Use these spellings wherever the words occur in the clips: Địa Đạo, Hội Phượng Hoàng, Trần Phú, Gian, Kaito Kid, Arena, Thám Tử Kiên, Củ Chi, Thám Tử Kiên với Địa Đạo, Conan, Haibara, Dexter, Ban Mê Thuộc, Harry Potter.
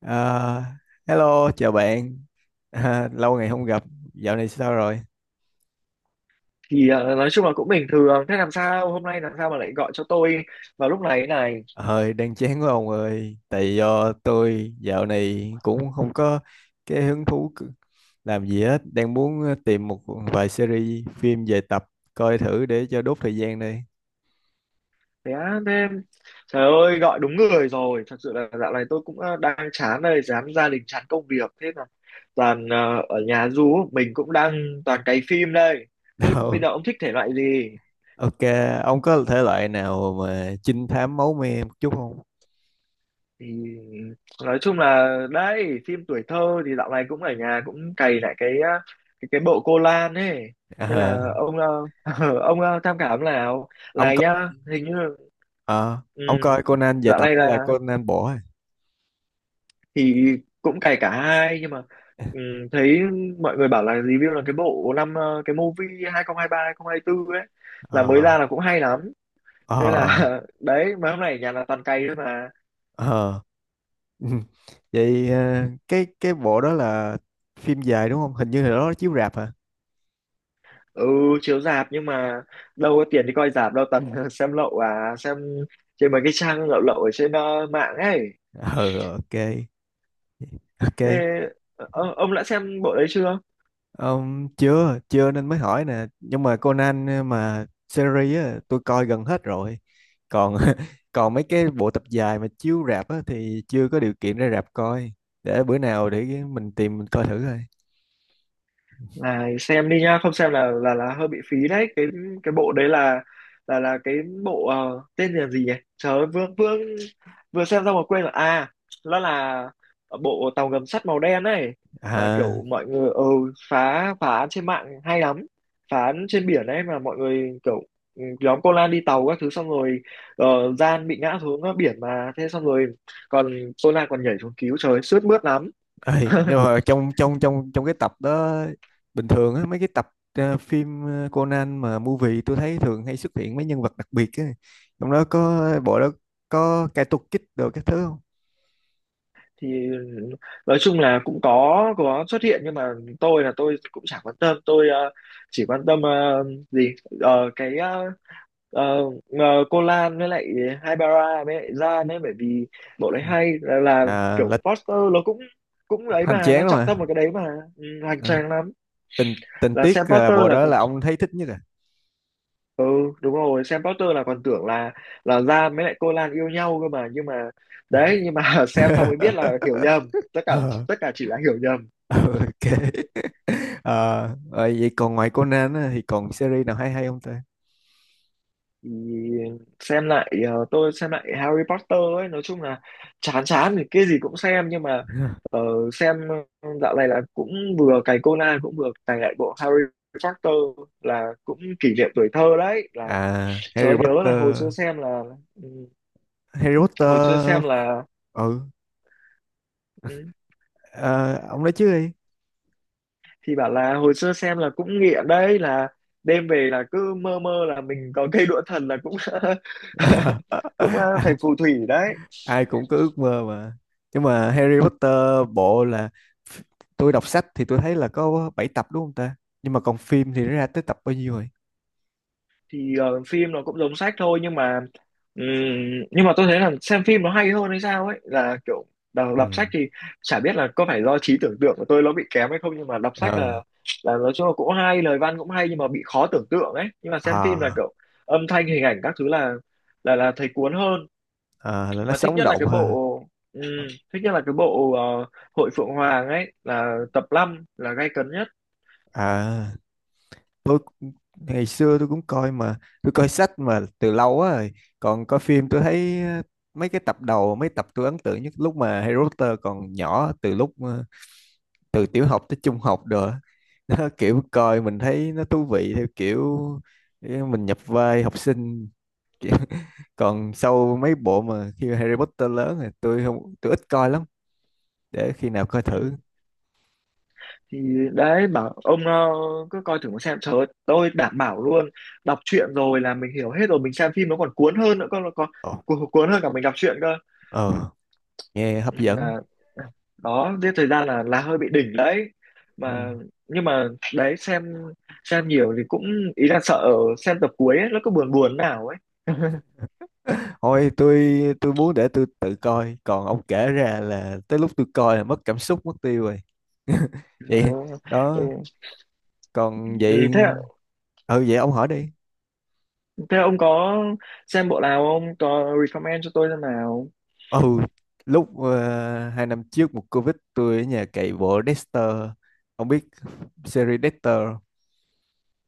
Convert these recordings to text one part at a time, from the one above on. Ờ, Hello, chào bạn. À, lâu ngày không gặp, dạo này sao rồi? Nói chung là cũng bình thường. Thế làm sao hôm nay làm sao mà lại gọi cho tôi vào lúc này thế này? Hơi đang chán quá ông ơi. Tại do tôi dạo này cũng không có cái hứng thú làm gì hết. Đang muốn tìm một vài series phim về tập coi thử để cho đốt thời gian đây. Thế á? Thế trời ơi, gọi đúng người rồi. Thật sự là dạo này tôi cũng đang chán đây, chán gia đình, chán công việc, thế là toàn ở nhà, du mình cũng đang toàn cày phim đây. Thế bây Đâu. giờ ông thích thể loại gì? Ok, ông có thể loại nào mà trinh thám máu me một chút không? thì nói chung là đấy, phim tuổi thơ thì dạo này cũng ở nhà cũng cày lại cái cái bộ cô Lan ấy. Thế Ờ, là ông ông tham khảo nào, ông này coi, nhá, hình như. ờ, Ừ, ông coi Conan về dạo tập này hay là là Conan bỏ? thì cũng cày cả hai nhưng mà ừ, thấy mọi người bảo là review là cái bộ năm cái movie 2023 2024 ấy là mới Ờ, ra là cũng hay lắm. Thế là ờ, đấy mấy hôm nay ở nhà là toàn cày thôi mà. ờ. Ừ. Vậy cái bộ đó là phim dài đúng không? Hình như là đó chiếu rạp hả? Ừ, chiếu rạp nhưng mà đâu có tiền đi coi rạp đâu, toàn xem lậu à, xem trên mấy cái trang lậu lậu ở trên mạng ấy. Ừ, ok, ok. Thế, ờ, ông đã xem bộ đấy chưa? Chưa, chưa nên mới hỏi nè. Nhưng mà Conan mà series á, tôi coi gần hết rồi. Còn còn mấy cái bộ tập dài mà chiếu rạp á, thì chưa có điều kiện ra rạp coi. Để bữa nào để mình tìm mình coi thử thôi. Này xem đi nhá, không xem là hơi bị phí đấy. Cái bộ đấy là cái bộ tên là gì nhỉ? Trời ơi, vừa vừa vừa xem xong mà quên rồi. À, nó là bộ tàu ngầm sắt màu đen ấy, mà À. kiểu mọi người phá phá án trên mạng hay lắm. Phá án trên biển ấy, mà mọi người kiểu nhóm cô Lan đi tàu các thứ, xong rồi ờ, Gian bị ngã xuống biển mà, thế xong rồi còn cô Lan còn nhảy xuống cứu, trời ơi, sướt mướt lắm. Ê, nhưng mà trong trong trong trong cái tập đó bình thường á mấy cái tập phim Conan mà movie tôi thấy thường hay xuất hiện mấy nhân vật đặc biệt á. Trong đó có bộ đó có Kaito Kid đồ các thứ không? thì nói chung là cũng có xuất hiện nhưng mà tôi cũng chẳng quan tâm, tôi chỉ quan tâm gì. Cái ờ, ờ, cô Lan với lại Haibara với lại Gian ấy, bởi vì bộ đấy hay là, À, kiểu là foster nó cũng cũng ấy hoành mà, tráng nó lắm trọng mà. tâm vào cái đấy mà. Ừ, hoành À, tráng lắm. tình tình Là tiết xem là poster bộ là đó còn là ông thấy thích nhất à. ừ, đúng rồi, xem poster là còn tưởng là Gian với lại cô Lan yêu nhau cơ mà, nhưng mà đấy, nhưng mà xem xong mới biết là hiểu nhầm tất cả, Ờ, tất cả chỉ là hiểu nhầm. ok. Ờ, rồi vậy còn ngoài Conan á, thì còn series nào hay hay không ta? thì xem lại tôi xem lại Harry Potter ấy, nói chung là chán chán thì cái gì cũng xem, nhưng mà ờ, xem dạo này là cũng vừa cày Conan cũng vừa cày lại bộ Harry Potter, là cũng kỷ niệm tuổi thơ đấy là À, trời Harry ơi, nhớ là hồi Potter, xưa xem là ừ, Harry hồi xưa Potter, xem là ừ. ừ, Ờ, ông nói trước đi. Bảo là hồi xưa xem là cũng nghiện đấy, là đêm về là cứ mơ mơ là mình có cây đũa thần, là cũng cũng Ai thành phù thủy đấy. ai cũng có ước mơ mà. Nhưng mà Harry Potter bộ là tôi đọc sách thì tôi thấy là có 7 tập đúng không ta? Nhưng mà còn phim thì nó ra tới tập bao nhiêu rồi? Phim nó cũng giống sách thôi, ừm, nhưng mà tôi thấy là xem phim nó hay hơn hay sao ấy, là kiểu đọc, Ừ. đọc sách thì chả biết là có phải do trí tưởng tượng của tôi nó bị kém hay không, nhưng mà đọc sách là ờ nói chung là cũng hay, lời văn cũng hay nhưng mà bị khó tưởng tượng ấy, nhưng mà xem phim là à, kiểu âm thanh hình ảnh các thứ là thấy cuốn hơn. Là nó Mà thích sống nhất là động cái hơn. bộ ừm, thích nhất là cái bộ Hội Phượng Hoàng ấy, là tập 5 là gay cấn nhất. à Ngày xưa tôi cũng coi mà. Tôi coi sách mà từ lâu á rồi. Còn coi phim tôi thấy mấy cái tập đầu mấy tập tôi ấn tượng nhất lúc mà Harry Potter còn nhỏ, từ lúc từ tiểu học tới trung học rồi á. Nó kiểu coi mình thấy nó thú vị, theo kiểu mình nhập vai học sinh. Còn sau mấy bộ mà khi Harry Potter lớn thì tôi không, tôi ít coi lắm, để khi nào coi thử. thì Đấy, bảo ông cứ coi thử mà xem, trời ơi, tôi đảm bảo luôn, đọc truyện rồi là mình hiểu hết rồi, mình xem phim nó còn cuốn hơn nữa, con còn Ờ. cuốn cuốn hơn cả mình đọc truyện cơ. ờ, Nghe Ừ, hấp dẫn. là đó giết thời gian là hơi bị đỉnh đấy Ừ. mà. Nhưng mà đấy, xem nhiều thì cũng ý là sợ xem tập cuối ấy, nó cứ buồn buồn nào ấy. Thôi, tôi muốn để tôi tự coi, còn ông kể ra là tới lúc tôi coi là mất cảm xúc mất tiêu rồi. Trời Vậy ơi. Ừ, đó. Còn ừ, vậy. thế Ừ, vậy ông hỏi đi. thế ông có xem bộ nào không, có recommend cho tôi xem nào? Ừ, lúc 2 năm trước một Covid tôi ở nhà cày bộ Dexter. Ông biết series Dexter không?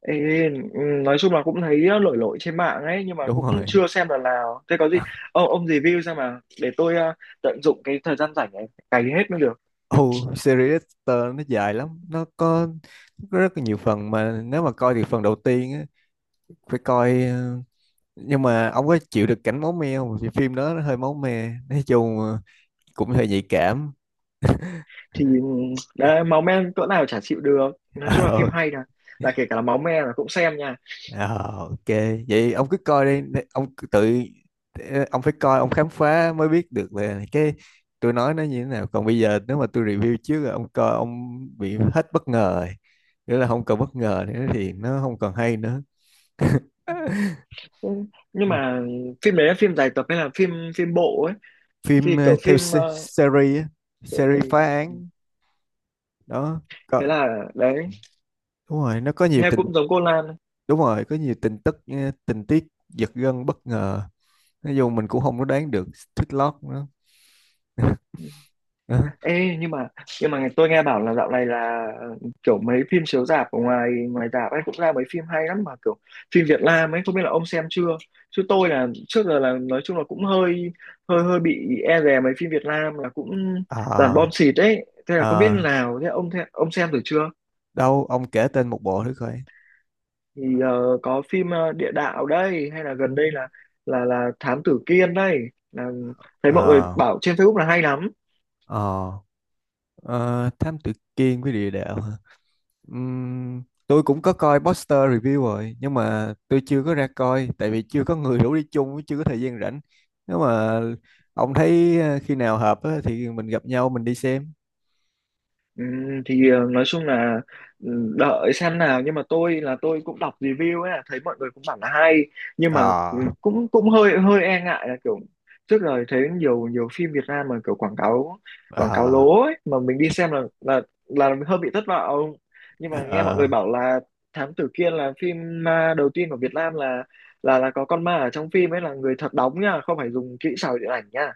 Ê, ừ, nói chung là cũng thấy lội lội trên mạng ấy, nhưng mà Đúng cũng rồi. chưa xem lần nào, thế có gì À, ông review xem mà, để tôi tận dụng cái thời gian rảnh này cày hết mới được. ừ. Series Dexter nó dài lắm, nó có rất là nhiều phần, mà nếu mà coi thì phần đầu tiên á, phải coi. Ờ, nhưng mà ông có chịu được cảnh máu me không? Vì phim đó nó hơi máu me, nói chung cũng hơi nhạy cảm. Ừ, đấy, máu me cỡ nào chả chịu được, nói chung là phim hay là kể cả là máu me là cũng xem nha. Ờ, ok. Vậy ông cứ coi đi, ông cứ tự ông phải coi, ông khám phá mới biết được là cái tôi nói nó như thế nào. Còn bây giờ nếu mà tôi review trước rồi ông coi, ông bị hết bất ngờ rồi, nghĩa là không còn bất ngờ nữa thì nó không còn hay nữa. Ừ, nhưng Ừ. mà phim đấy là phim dài tập hay là phim phim bộ ấy, Phim phim kiểu theo phim series á, series rồi, phá án. Đó thế có. là đấy Đúng rồi, nó có nhiều hay, tình. cũng giống cô Lan. Đúng rồi, có nhiều tình tức tình tiết giật gân bất ngờ, nói chung mình cũng không có đoán được twist lock nữa. Ê, nhưng mà tôi nghe bảo là dạo này là kiểu mấy phim chiếu rạp ở ngoài ngoài rạp ấy cũng ra mấy phim hay lắm, mà kiểu phim Việt Nam ấy, không biết là ông xem chưa, chứ tôi là trước giờ là nói chung là cũng hơi hơi hơi bị e dè mấy phim Việt Nam, là cũng toàn Ờ, bom xịt ấy, thế là không biết ờ, nào, thế, ông xem thử chưa? đâu ông kể tên một bộ thử coi. Có phim Địa Đạo đây, hay là gần đây là Thám Tử Kiên đây, là thấy mọi người Ờ, bảo trên Facebook là hay lắm. ờ, ờ, Thám Tử Kiên với Địa Đạo hả? Tôi cũng có coi poster review rồi, nhưng mà tôi chưa có ra coi tại vì chưa có người rủ đi chung với, chưa có thời gian rảnh. Nếu mà ông thấy khi nào hợp á, thì mình gặp nhau mình đi xem. Nói chung là đợi xem nào, nhưng mà tôi cũng đọc review ấy, thấy mọi người cũng bảo là hay, nhưng mà ờ cũng cũng hơi hơi e ngại là kiểu trước giờ thấy nhiều nhiều phim Việt Nam mà kiểu quảng cáo ờ lố ấy, mà mình đi xem là mình hơi bị thất vọng, nhưng ờ mà nghe mọi người ờ bảo là Thám Tử Kiên là phim ma đầu tiên của Việt Nam là có con ma ở trong phim ấy là người thật đóng nha, không phải dùng kỹ xảo điện ảnh nha.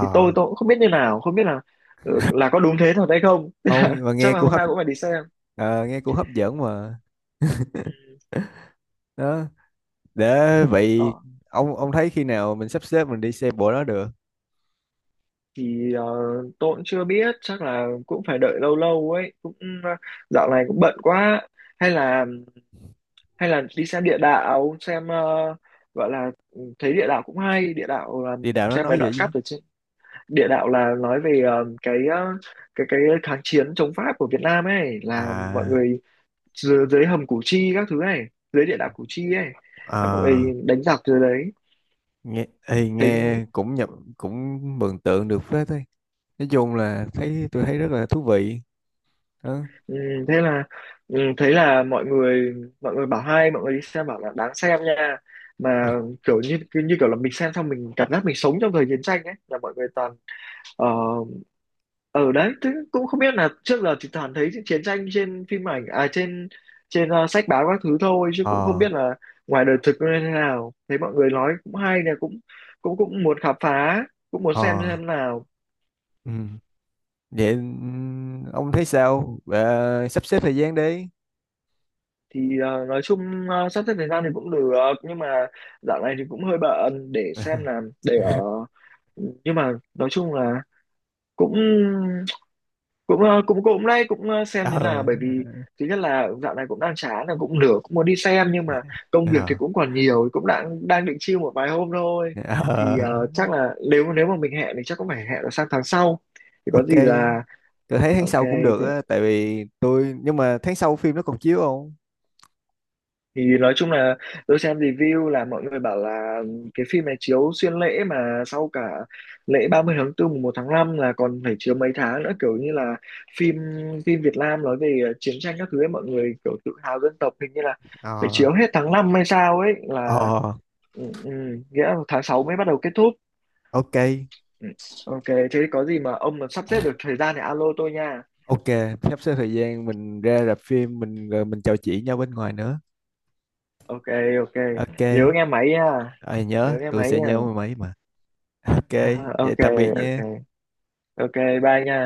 Tôi cũng không biết như nào, không biết là là có đúng thế thật hay không. Ông mà Chắc nghe là cũng hôm hấp, nay cũng phải đi xem. Nghe cũng hấp dẫn mà. Ừ. Đó, để vậy Đó. ông thấy khi nào mình sắp xếp mình đi xe bộ đó được. thì ờ, tôi cũng chưa biết, chắc là cũng phải đợi lâu lâu ấy cũng ờ, dạo này cũng bận quá. Hay là đi xem địa đạo xem gọi là ừ, thấy địa đạo cũng hay, địa đạo là Đi đảo nó xem mấy nói vậy đoạn chứ. cắt ở trên, địa đạo là nói về cái cái kháng chiến chống Pháp của Việt Nam ấy, là mọi À, người dưới hầm Củ Chi các thứ này, dưới địa đạo Củ Chi ấy là mọi ờ, người đánh giặc dưới đấy nghe ê, thế. nghe cũng nhập, cũng mường tượng được phết thôi. Nói chung là Ừ, tôi thấy rất là thú vị. đó ừ, thế là ừ, thấy là mọi người bảo hay, mọi người đi xem bảo là đáng xem nha, mà ờ kiểu như cứ như kiểu là mình xem xong mình cảm giác mình sống trong thời chiến tranh ấy, là mọi người toàn ờ, ở đấy, thế cũng không biết là trước giờ thì toàn thấy chiến tranh trên phim ảnh à, trên trên sách báo các thứ thôi chứ cũng không ờ biết là ngoài đời thực nó như thế nào, thấy mọi người nói cũng hay nè, cũng cũng cũng muốn khám phá, cũng muốn ờ, xem nào. ừ. Vậy ông thấy sao? Ờ, Sắp xếp thời gian đi. Nói chung sắp xếp thời gian thì cũng được, nhưng mà dạo này thì cũng hơi bận để xem là để ở, nhưng mà nói chung là cũng cũng ờ, cũng cũng nay cũng xem ờ như là, bởi vì thứ nhất là dạo này cũng đang chán, là cũng nửa cũng muốn đi xem, nhưng mà công việc thì ờ cũng còn nhiều, cũng đang đang định chill một vài hôm thôi. Ờ Chắc là nếu nếu mà mình hẹn thì chắc cũng phải hẹn là sang tháng sau, thì có ok. gì là Tôi thấy tháng ok. sau cũng được Thế á, tại vì tôi nhưng mà tháng sau phim nó còn chiếu không? Nói chung là tôi xem review là mọi người bảo là cái phim này chiếu xuyên lễ, mà sau cả lễ 30 tháng 4 mùng 1 tháng 5 là còn phải chiếu mấy tháng nữa, kiểu như là phim phim Việt Nam nói về chiến tranh các thứ ấy, mọi người kiểu tự hào dân tộc, hình như là phải ờ chiếu hết tháng 5 hay sao ấy là ờ ừ, ừ, nghĩa là tháng 6 mới bắt đầu kết thúc. ok, Ừ, ok. Thế có gì mà ông mà sắp xếp được thời gian thì alo tôi nha. ok. Sắp xếp thời gian mình ra rạp phim mình rồi mình trò chuyện nhau bên ngoài nữa. Ok, ok. Nhớ Ok. nghe máy nha. Ờ, Nhớ Nhớ, nghe tôi máy sẽ nha. nhớ mười mấy mà. Ok, vậy Ok, tạm biệt ok, nha. ok. Bye nha.